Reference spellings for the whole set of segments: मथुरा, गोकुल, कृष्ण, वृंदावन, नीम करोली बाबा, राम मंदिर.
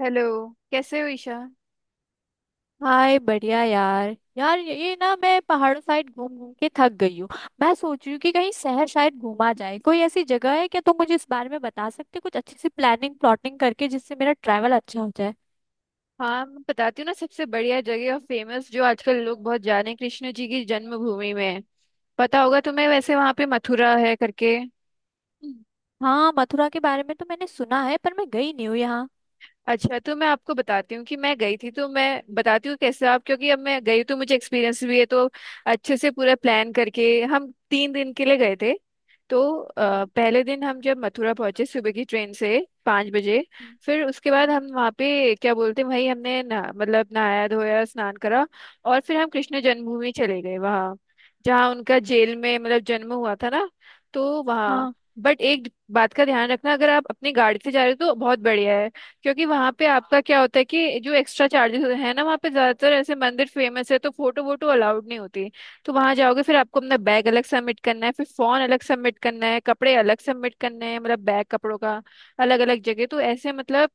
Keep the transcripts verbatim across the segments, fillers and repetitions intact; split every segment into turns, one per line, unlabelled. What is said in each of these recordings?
Hello. कैसे हो Isha.
Hi बढ़िया यार। यार, ये ये ना मैं पहाड़ों साइड घूम घूम के थक गई हूँ। मैं सोच रही हूँ कि कहीं शहर शायद घूमा जाए, कोई ऐसी जगह है क्या? तुम मुझे इस बारे में बता सकते हो? कुछ अच्छी सी प्लानिंग प्लॉटिंग करके, जिससे मेरा ट्रैवल अच्छा हो जाए।
हाँ मैं बताती हूँ ना, सबसे बढ़िया जगह और फेमस जो आजकल लोग बहुत जाने, कृष्ण जी की जन्मभूमि में है। पता होगा तुम्हें, वैसे वहां पे मथुरा है करके।
हाँ, मथुरा के बारे में तो मैंने सुना है पर मैं गई नहीं हूँ यहाँ।
अच्छा, तो मैं आपको बताती हूँ कि मैं गई थी, तो मैं बताती हूँ कैसे आप, क्योंकि अब मैं गई तो मुझे एक्सपीरियंस भी है, तो अच्छे से पूरा प्लान करके। हम तीन दिन के लिए गए थे। तो
हम्म।
अ, पहले दिन हम जब मथुरा पहुंचे, सुबह की ट्रेन से पाँच बजे।
हम्म।
फिर उसके बाद
हम्म।
हम वहाँ पे क्या बोलते हैं, वहीं हमने ना, मतलब नहाया धोया स्नान करा। और फिर हम कृष्ण जन्मभूमि चले गए वहाँ, जहाँ उनका जेल में मतलब जन्म हुआ था ना। तो वहाँ,
हाँ।
बट एक बात का ध्यान रखना, अगर आप अपनी गाड़ी से जा रहे हो तो बहुत बढ़िया है। क्योंकि वहां पे आपका क्या होता है कि जो एक्स्ट्रा चार्जेस है ना, वहाँ पे ज्यादातर ऐसे मंदिर फेमस है, तो फोटो वोटो अलाउड नहीं होती। तो वहां जाओगे, फिर आपको अपना बैग अलग सबमिट करना है, फिर फोन अलग सबमिट करना है, कपड़े अलग सबमिट करने हैं, मतलब बैग कपड़ों का अलग अलग जगह, तो ऐसे मतलब।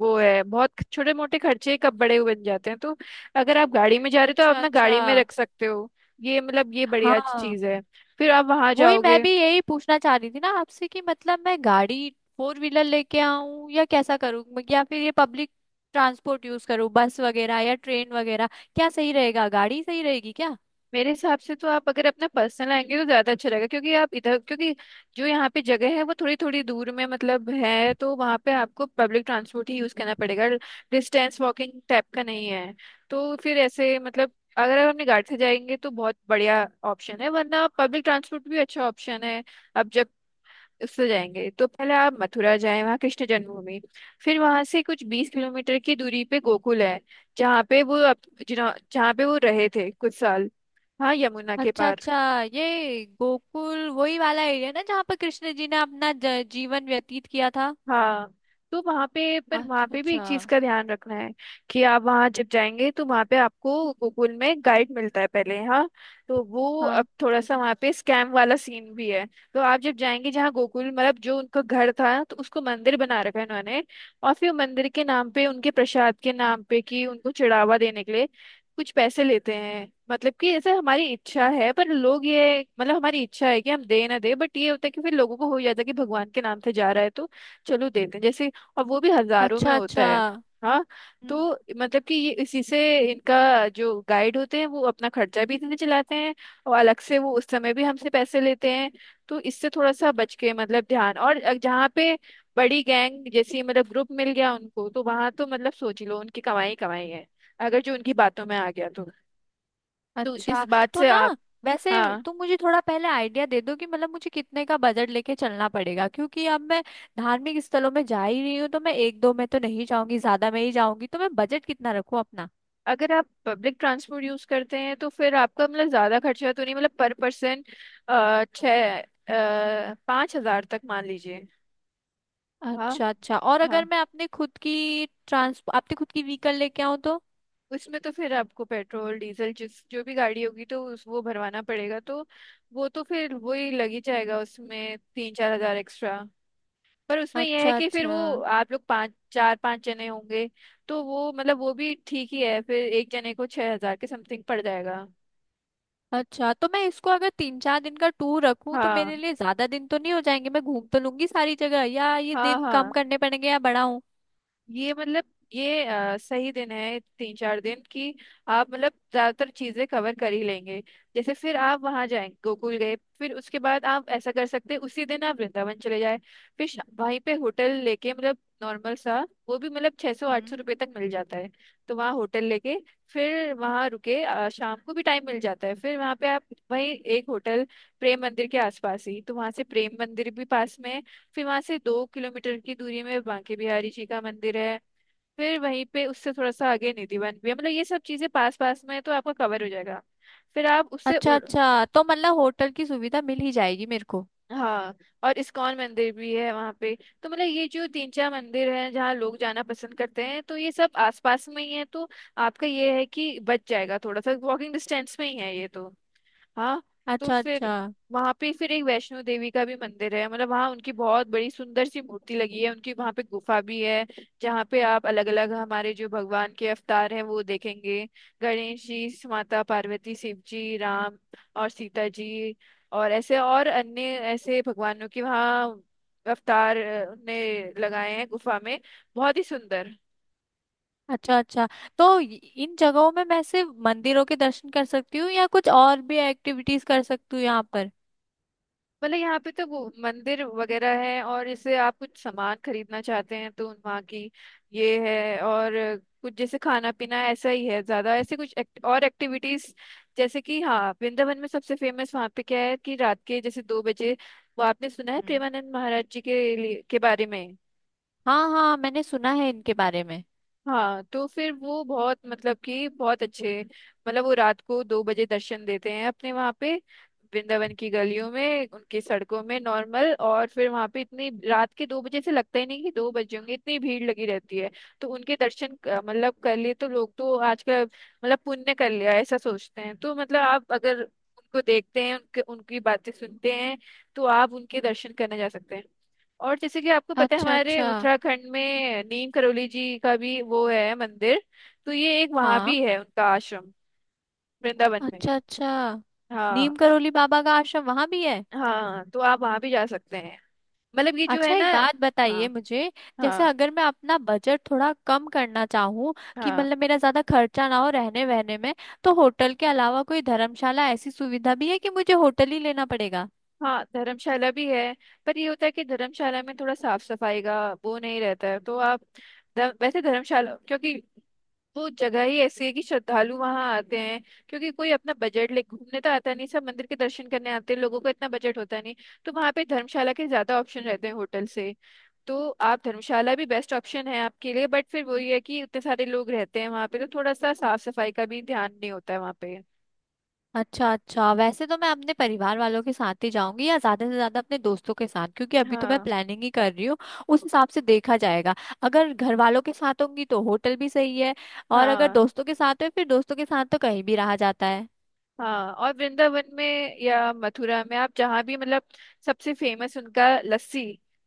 वो है बहुत छोटे मोटे खर्चे, कब बड़े हुए बन जाते हैं, तो अगर आप गाड़ी में जा रहे हो तो आप
अच्छा
अपना
अच्छा।
गाड़ी में रख सकते हो। ये मतलब ये बढ़िया
हाँ।
चीज है। फिर आप वहां
वही मैं
जाओगे।
भी यही पूछना चाह रही थी ना आपसे, कि मतलब मैं गाड़ी फोर व्हीलर लेके आऊं या कैसा करूं, म- या फिर ये पब्लिक ट्रांसपोर्ट यूज करूं, बस वगैरह या ट्रेन वगैरह। क्या सही रहेगा? गाड़ी सही रहेगी क्या?
मेरे हिसाब से तो आप अगर अपना पर्सनल आएंगे तो ज्यादा अच्छा रहेगा, क्योंकि आप इधर क्योंकि जो यहाँ पे जगह है वो थोड़ी थोड़ी दूर में मतलब है, तो वहाँ पे आपको पब्लिक ट्रांसपोर्ट ही यूज करना पड़ेगा। डिस्टेंस वॉकिंग टाइप का नहीं है, तो फिर ऐसे मतलब। अगर आप अपनी गाड़ी से जाएंगे तो बहुत बढ़िया ऑप्शन है, वरना पब्लिक ट्रांसपोर्ट भी अच्छा ऑप्शन है। अब जब उससे जाएंगे, तो पहले आप मथुरा जाएं, वहाँ कृष्ण जन्मभूमि। फिर वहां से कुछ बीस किलोमीटर की दूरी पे गोकुल है, जहाँ पे वो अप- जिन्हों- जहाँ पे वो रहे थे कुछ साल, हाँ, यमुना के
अच्छा
पार।
अच्छा। ये गोकुल वही वाला एरिया ना, जहाँ पर कृष्ण जी ने अपना ज- जीवन व्यतीत किया था?
हाँ। तो वहाँ पे, पर वहाँ
अच्छा
पे भी एक
अच्छा।
चीज का ध्यान रखना है कि आप वहाँ जब जाएंगे, तो वहाँ पे आपको गूगल में गाइड मिलता है पहले, हाँ। तो वो
हाँ।
अब थोड़ा सा वहाँ पे स्कैम वाला सीन भी है। तो आप जब जाएंगे जहाँ गोकुल, मतलब जो उनका घर था, तो उसको मंदिर बना रखा है उन्होंने। और फिर मंदिर के नाम पे, उनके प्रसाद के नाम पे, कि उनको चढ़ावा देने के लिए कुछ पैसे लेते हैं, मतलब कि ऐसा हमारी इच्छा है, पर लोग ये मतलब हमारी इच्छा है कि हम दे ना दे, बट ये होता है कि फिर लोगों को हो जाता है कि भगवान के नाम से जा रहा है तो चलो देते हैं जैसे। और वो भी हजारों में
अच्छा
होता
अच्छा।
है। हाँ।
हम्म।
तो मतलब कि ये इसी से इनका जो गाइड होते हैं वो अपना खर्चा भी इतने चलाते हैं। और अलग से वो उस समय भी हमसे पैसे लेते हैं। तो इससे थोड़ा सा बच के, मतलब ध्यान, और अ- जहाँ पे बड़ी गैंग जैसी, मतलब ग्रुप मिल गया उनको, तो वहां तो मतलब सोच ही लो उनकी कमाई ही कमाई है, अगर जो उनकी बातों में आ गया तो। तो इस
अच्छा,
बात
तो
से
ना,
आप।
वैसे
हाँ।
तुम मुझे थोड़ा पहले आइडिया दे दो कि मतलब मुझे कितने का बजट लेके चलना पड़ेगा? क्योंकि अब मैं धार्मिक स्थलों में जा ही रही हूँ, तो मैं एक दो में तो नहीं जाऊंगी, ज्यादा में ही जाऊंगी। तो मैं बजट कितना रखूँ अपना?
अगर आप पब्लिक ट्रांसपोर्ट यूज करते हैं तो फिर आपका मतलब ज्यादा खर्चा तो नहीं, मतलब पर पर्सन। छः पाँच हजार तक मान लीजिए। हाँ,
अच्छा अच्छा। और अगर
हाँ।
मैं अपने खुद की ट्रांस अपने खुद की व्हीकल लेके आऊँ तो?
उसमें तो फिर आपको पेट्रोल डीजल, जिस जो भी गाड़ी होगी तो उस वो भरवाना पड़ेगा, तो वो तो फिर वही लग ही जाएगा, उसमें तीन चार हजार एक्स्ट्रा। पर उसमें यह है
अच्छा
कि फिर
अच्छा।
वो आप लोग पाँच चार पाँच जने होंगे, तो वो मतलब वो भी ठीक ही है, फिर एक जने को छह हजार के समथिंग पड़ जाएगा।
अच्छा, तो मैं इसको अगर तीन चार दिन का टूर रखूं तो
हाँ,
मेरे लिए ज्यादा दिन तो नहीं हो जाएंगे? मैं घूम तो लूंगी सारी जगह? या ये
हाँ,
दिन कम
हाँ।
करने पड़ेंगे या बढ़ाऊं?
ये मतलब ये अ, सही दिन है, तीन चार दिन की। आप मतलब ज्यादातर चीजें कवर कर ही लेंगे। जैसे फिर आप वहां जाएं, गोकुल गए, फिर उसके बाद आप ऐसा कर सकते हैं, उसी दिन आप वृंदावन चले जाए। फिर शा- वहीं पे होटल लेके, मतलब नॉर्मल सा। वो भी मतलब छह सौ आठ सौ रुपये तक मिल जाता है। तो वहाँ होटल लेके फिर वहाँ रुके, अ, शाम को भी टाइम मिल जाता है, फिर वहाँ पे आप वहीं एक होटल, प्रेम मंदिर के आसपास ही। तो वहाँ से प्रेम मंदिर भी पास में है। फिर वहां से दो किलोमीटर की दूरी में बांके बिहारी जी का मंदिर है। फिर वहीं पे उससे थोड़ा सा आगे निधिवन भी है, मतलब ये सब चीजें पास पास में है, तो आपका कवर हो जाएगा। फिर आप उससे
अच्छा
उड़।
अच्छा, तो मतलब होटल की सुविधा मिल ही जाएगी मेरे को।
हाँ, और इस्कॉन मंदिर भी है वहाँ पे। तो मतलब ये जो तीन चार मंदिर हैं जहाँ लोग जाना पसंद करते हैं, तो ये सब आसपास में ही है, तो आपका ये है कि बच जाएगा, थोड़ा सा वॉकिंग डिस्टेंस में ही है ये तो। हाँ। तो
अच्छा
फिर
अच्छा।
वहां पे फिर एक वैष्णो देवी का भी मंदिर है, मतलब वहाँ उनकी बहुत बड़ी सुंदर सी मूर्ति लगी है उनकी, वहाँ पे गुफा भी है जहाँ पे आप अलग अलग हमारे जो भगवान के अवतार हैं वो देखेंगे। गणेश जी, माता पार्वती, शिव जी, राम और सीता जी, और ऐसे और अन्य ऐसे भगवानों के वहाँ अवतार अ, ने लगाए हैं गुफा में, बहुत ही सुंदर।
अच्छा अच्छा, तो इ- इन जगहों में मैं सिर्फ मंदिरों के दर्शन कर सकती हूँ, या कुछ और भी एक्टिविटीज कर सकती हूँ यहाँ पर?
मतलब यहाँ पे तो वो मंदिर वगैरह है, और जैसे आप कुछ सामान खरीदना चाहते हैं तो वहाँ की ये है, और कुछ जैसे खाना पीना ऐसा ही है, ज्यादा ऐसे कुछ act- और एक्टिविटीज, जैसे कि हाँ, वृंदावन में सबसे फेमस वहाँ पे क्या है कि रात के जैसे दो बजे, वो आपने सुना है
हम्म।
प्रेमानंद महाराज जी के लिए- के बारे में।
हाँ हाँ, मैंने सुना है इनके बारे में।
हाँ। तो फिर वो बहुत, मतलब कि बहुत अच्छे, मतलब वो रात को दो बजे दर्शन देते हैं अपने वहाँ पे, वृंदावन की गलियों में, उनकी सड़कों में नॉर्मल। और फिर वहाँ पे इतनी रात के, दो बजे से लगता ही नहीं कि दो बजे होंगे, इतनी भीड़ लगी रहती है। तो उनके दर्शन क- मतलब कर लिए तो लोग तो आजकल मतलब पुण्य कर लिया ऐसा सोचते हैं, तो मतलब आप अगर उनको देखते हैं, उनके उनकी बातें सुनते हैं, तो आप उनके दर्शन करने जा सकते हैं। और जैसे कि आपको पता है
अच्छा
हमारे
अच्छा।
उत्तराखंड में नीम करोली जी का भी वो है मंदिर, तो ये एक वहां
हाँ।
भी है उनका आश्रम, वृंदावन में।
अच्छा अच्छा। नीम
हाँ,
करोली बाबा का आश्रम वहां भी है?
हाँ। तो आप वहां भी जा सकते हैं, मतलब ये जो है
अच्छा,
ना।
एक बात बताइए
हाँ,
मुझे। जैसे
हाँ,
अगर मैं अपना बजट थोड़ा कम करना चाहूँ, कि
हाँ,
मतलब मेरा ज्यादा खर्चा ना हो रहने वहने में, तो होटल के अलावा कोई धर्मशाला ऐसी सुविधा भी है, कि मुझे होटल ही लेना पड़ेगा?
हाँ। धर्मशाला भी है, पर ये होता है कि धर्मशाला में थोड़ा साफ सफाई का वो नहीं रहता है, तो आप ध- वैसे धर्मशाला, क्योंकि वो जगह ही ऐसी है कि श्रद्धालु वहां आते हैं, क्योंकि कोई अपना बजट ले घूमने तो आता नहीं, सब मंदिर के दर्शन करने आते हैं, लोगों का इतना बजट होता नहीं, तो वहां पे धर्मशाला के ज्यादा ऑप्शन रहते हैं होटल से। तो आप, धर्मशाला भी बेस्ट ऑप्शन है आपके लिए, बट फिर वही है कि इतने सारे लोग रहते हैं वहां पे, तो थोड़ा सा साफ सफाई का भी ध्यान नहीं होता है वहां पे।
अच्छा अच्छा। वैसे तो मैं अपने परिवार वालों के साथ ही जाऊंगी, या ज्यादा से ज्यादा अपने दोस्तों के साथ, क्योंकि अभी तो मैं
हाँ,
प्लानिंग ही कर रही हूँ। उस हिसाब से देखा जाएगा। अगर घर वालों के साथ होंगी तो होटल भी सही है, और अगर
हाँ,
दोस्तों के साथ है फिर दोस्तों के साथ तो कहीं भी रहा जाता है।
हाँ। और वृंदावन में या मथुरा में आप जहाँ भी मतलब, सबसे फेमस उनका लस्सी,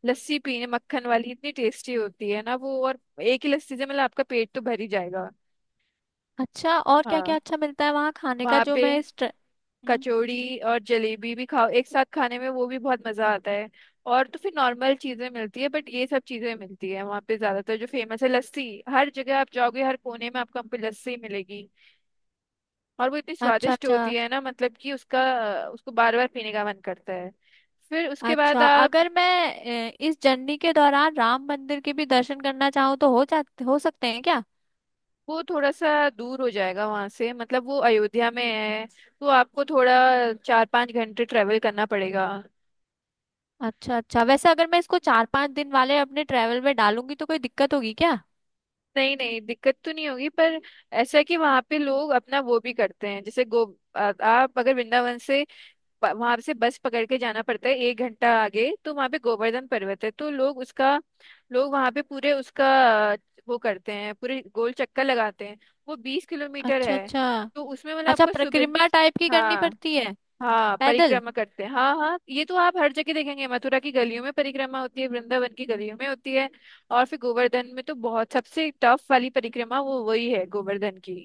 लस्सी पीने मक्खन वाली, इतनी टेस्टी होती है ना वो, और एक ही लस्सी से मतलब आपका पेट तो भर ही जाएगा।
अच्छा, और क्या क्या
हाँ,
अच्छा मिलता है वहाँ खाने का,
वहाँ
जो
पे
मैं इस ट्र— हम्म।
कचौड़ी और जलेबी भी खाओ एक साथ, खाने में वो भी बहुत मजा आता है। और तो फिर नॉर्मल चीजें मिलती है, बट ये सब चीजें मिलती है वहाँ पे, ज्यादातर जो फेमस है लस्सी, हर जगह आप जाओगे हर कोने में आपको हमको लस्सी मिलेगी। और वो इतनी
अच्छा
स्वादिष्ट
अच्छा।
होती है ना, मतलब कि उसका, उसको बार बार पीने का मन करता है। फिर उसके बाद
अच्छा,
आप,
अगर मैं अ, इस जर्नी के दौरान राम मंदिर के भी दर्शन करना चाहूँ, तो हो जाते, हो सकते हैं क्या?
वो थोड़ा सा दूर हो जाएगा वहां से, मतलब वो अयोध्या में है, तो आपको थोड़ा चार पांच घंटे ट्रेवल करना पड़ेगा।
अच्छा अच्छा। वैसे अगर मैं इसको चार पांच दिन वाले अपने ट्रेवल में डालूंगी तो कोई दिक्कत होगी क्या?
नहीं, नहीं, दिक्कत तो नहीं होगी, पर ऐसा है कि वहां पे लोग अपना वो भी करते हैं, जैसे गो आ- आप अगर वृंदावन से, वहां से बस पकड़ के जाना पड़ता है एक घंटा आगे, तो वहां पे गोवर्धन पर्वत है, तो लोग उसका, लोग वहां पे पूरे उसका अ, वो करते हैं, पूरे गोल चक्कर लगाते हैं। वो बीस किलोमीटर
अच्छा
है।
अच्छा।
तो उसमें मतलब
अच्छा,
आपको सुबह।
परिक्रमा टाइप की करनी
हाँ,
पड़ती है?
हाँ,
पैदल?
परिक्रमा करते हैं। हाँ, हाँ। ये तो आप हर जगह देखेंगे, मथुरा की गलियों में परिक्रमा होती है, वृंदावन की गलियों में होती है। और फिर गोवर्धन में तो बहुत सबसे टफ वाली परिक्रमा, वो वही है गोवर्धन की।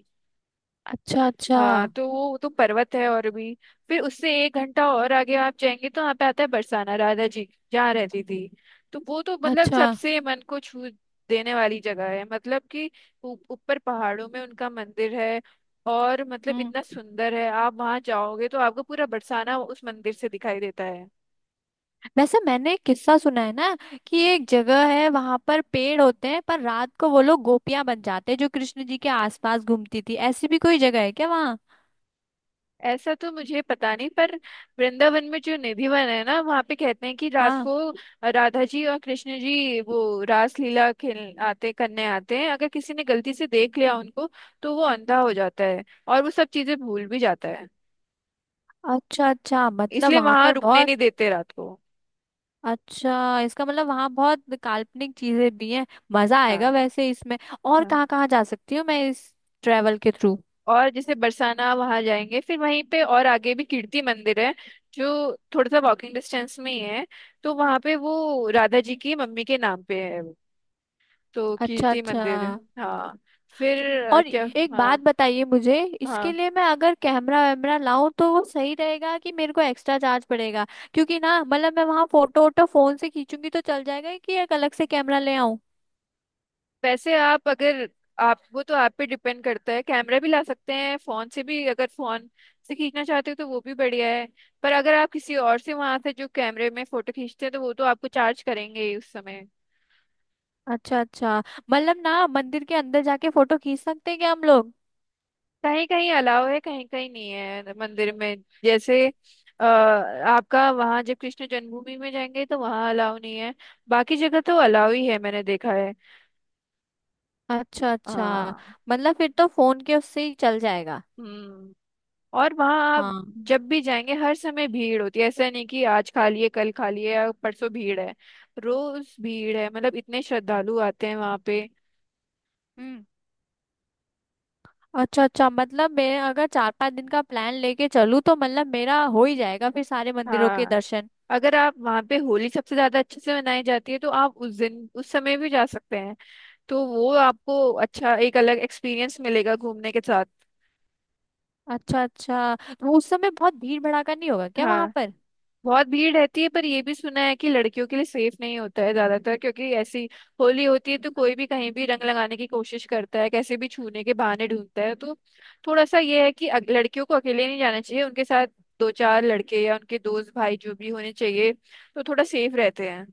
अच्छा अच्छा।
हाँ। तो वो तो पर्वत है, और भी फिर उससे एक घंटा और आगे आप जाएंगे तो वहाँ पे आता है बरसाना, राधा जी जहाँ रहती थी। तो वो तो मतलब
अच्छा
सबसे मन को छू देने वाली जगह है, मतलब कि ऊ- ऊपर पहाड़ों में उनका मंदिर है, और मतलब
हम्म।
इतना सुंदर है, आप वहाँ जाओगे तो आपको पूरा बरसाना उस मंदिर से दिखाई देता है।
वैसे मैंने एक किस्सा सुना है ना, कि एक जगह है वहां पर पेड़ होते हैं, पर रात को वो लोग गोपियां बन जाते हैं जो कृष्ण जी के आसपास घूमती थी। ऐसी भी कोई जगह है क्या वहाँ?
ऐसा तो मुझे पता नहीं, पर वृंदावन में जो निधिवन है ना, वहाँ पे कहते हैं कि रात
हाँ।
को राधा जी और कृष्ण जी वो रास लीला खेल आते करने आते हैं, अगर किसी ने गलती से देख लिया उनको, तो वो अंधा हो जाता है और वो सब चीजें भूल भी जाता है,
अच्छा अच्छा, मतलब
इसलिए
वहां
वहां
पर
रुकने
बहुत—
नहीं देते रात को।
अच्छा, इसका मतलब वहां बहुत काल्पनिक चीजें भी हैं। मजा आएगा
हाँ,
वैसे इसमें। और
हाँ।
कहाँ कहाँ जा सकती हूँ मैं इस ट्रेवल के थ्रू?
और जैसे बरसाना वहां जाएंगे, फिर वहीं पे और आगे भी कीर्ति मंदिर है, जो थोड़ा सा वॉकिंग डिस्टेंस में ही है, तो वहां पे वो राधा जी की मम्मी के नाम पे है, तो
अच्छा
कीर्ति
अच्छा।
मंदिर। हाँ। फिर अ,
और
क्या।
एक
हाँ,
बात बताइए मुझे, इसके
हाँ।
लिए मैं अगर कैमरा वैमरा लाऊं तो वो सही रहेगा, कि मेरे को एक्स्ट्रा चार्ज पड़ेगा? क्योंकि ना, मतलब मैं वहां फोटो वोटो फोन से खींचूंगी तो चल जाएगा, कि एक अलग से कैमरा ले आऊं?
वैसे आप अगर आप वो, तो आप पे डिपेंड करता है, कैमरा भी ला सकते हैं, फोन से भी अगर फोन से खींचना चाहते हो तो वो भी बढ़िया है। पर अगर आप किसी और से वहां से जो कैमरे में फोटो खींचते हैं तो वो तो आपको चार्ज करेंगे ही उस समय।
अच्छा अच्छा। मतलब ना, मंदिर के अंदर जाके फोटो खींच सकते हैं क्या हम लोग?
कहीं कहीं अलाव है, कहीं कहीं नहीं है मंदिर में। जैसे अ, आपका वहाँ जब कृष्ण जन्मभूमि में जाएंगे तो वहाँ अलाव नहीं है, बाकी जगह तो अलाव ही है, मैंने देखा है।
अच्छा अच्छा,
हाँ।
मतलब फिर तो फोन के उससे ही चल जाएगा।
हम्म। और वहाँ
हाँ।
आप जब भी जाएंगे हर समय भीड़ होती है, ऐसा नहीं कि आज खा लिए कल खा लिए या परसों भीड़ है, रोज भीड़ है, मतलब इतने श्रद्धालु आते हैं वहाँ पे।
हम्म। अच्छा अच्छा, मतलब मैं अगर चार पांच दिन का प्लान लेके चलूँ तो मतलब मेरा हो ही जाएगा फिर सारे मंदिरों के
हाँ,
दर्शन।
अगर आप वहाँ पे, होली सबसे ज्यादा अच्छे से मनाई जाती है, तो आप उस दिन उस समय भी जा सकते हैं, तो वो आपको अच्छा एक अलग एक्सपीरियंस मिलेगा घूमने के साथ।
अच्छा अच्छा, तो उस समय बहुत भीड़ भड़ाका नहीं होगा क्या वहां
हाँ,
पर?
बहुत भीड़ रहती है, पर ये भी सुना है कि लड़कियों के लिए सेफ नहीं होता है ज्यादातर, क्योंकि ऐसी होली होती है तो कोई भी कहीं भी रंग लगाने की कोशिश करता है, कैसे भी छूने के बहाने ढूंढता है, तो थोड़ा सा ये है कि अग- लड़कियों को अकेले नहीं जाना चाहिए, उनके साथ दो चार लड़के या उनके दोस्त भाई जो भी होने चाहिए, तो थोड़ा सेफ रहते हैं।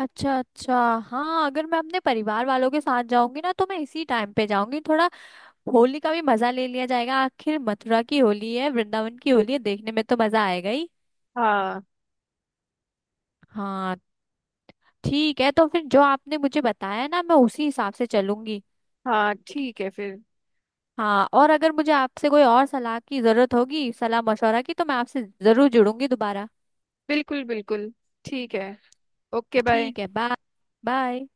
अच्छा अच्छा। हाँ, अगर मैं अपने परिवार वालों के साथ जाऊंगी ना तो मैं इसी टाइम पे जाऊंगी थोड़ा। होली का भी मजा ले लिया जाएगा, आखिर मथुरा की होली है, वृंदावन की होली है, देखने में तो मजा आएगा ही।
हाँ,
हाँ। ठीक है, तो फिर जो आपने मुझे बताया ना, मैं उसी हिसाब से चलूंगी।
हाँ, ठीक है फिर।
हाँ, और अगर मुझे आपसे कोई और सलाह की जरूरत होगी, सलाह मशवरा की, तो मैं आपसे जरूर जुड़ूंगी दोबारा।
बिल्कुल, बिल्कुल। ठीक है। Okay, bye.
ठीक है, बाय। बाय।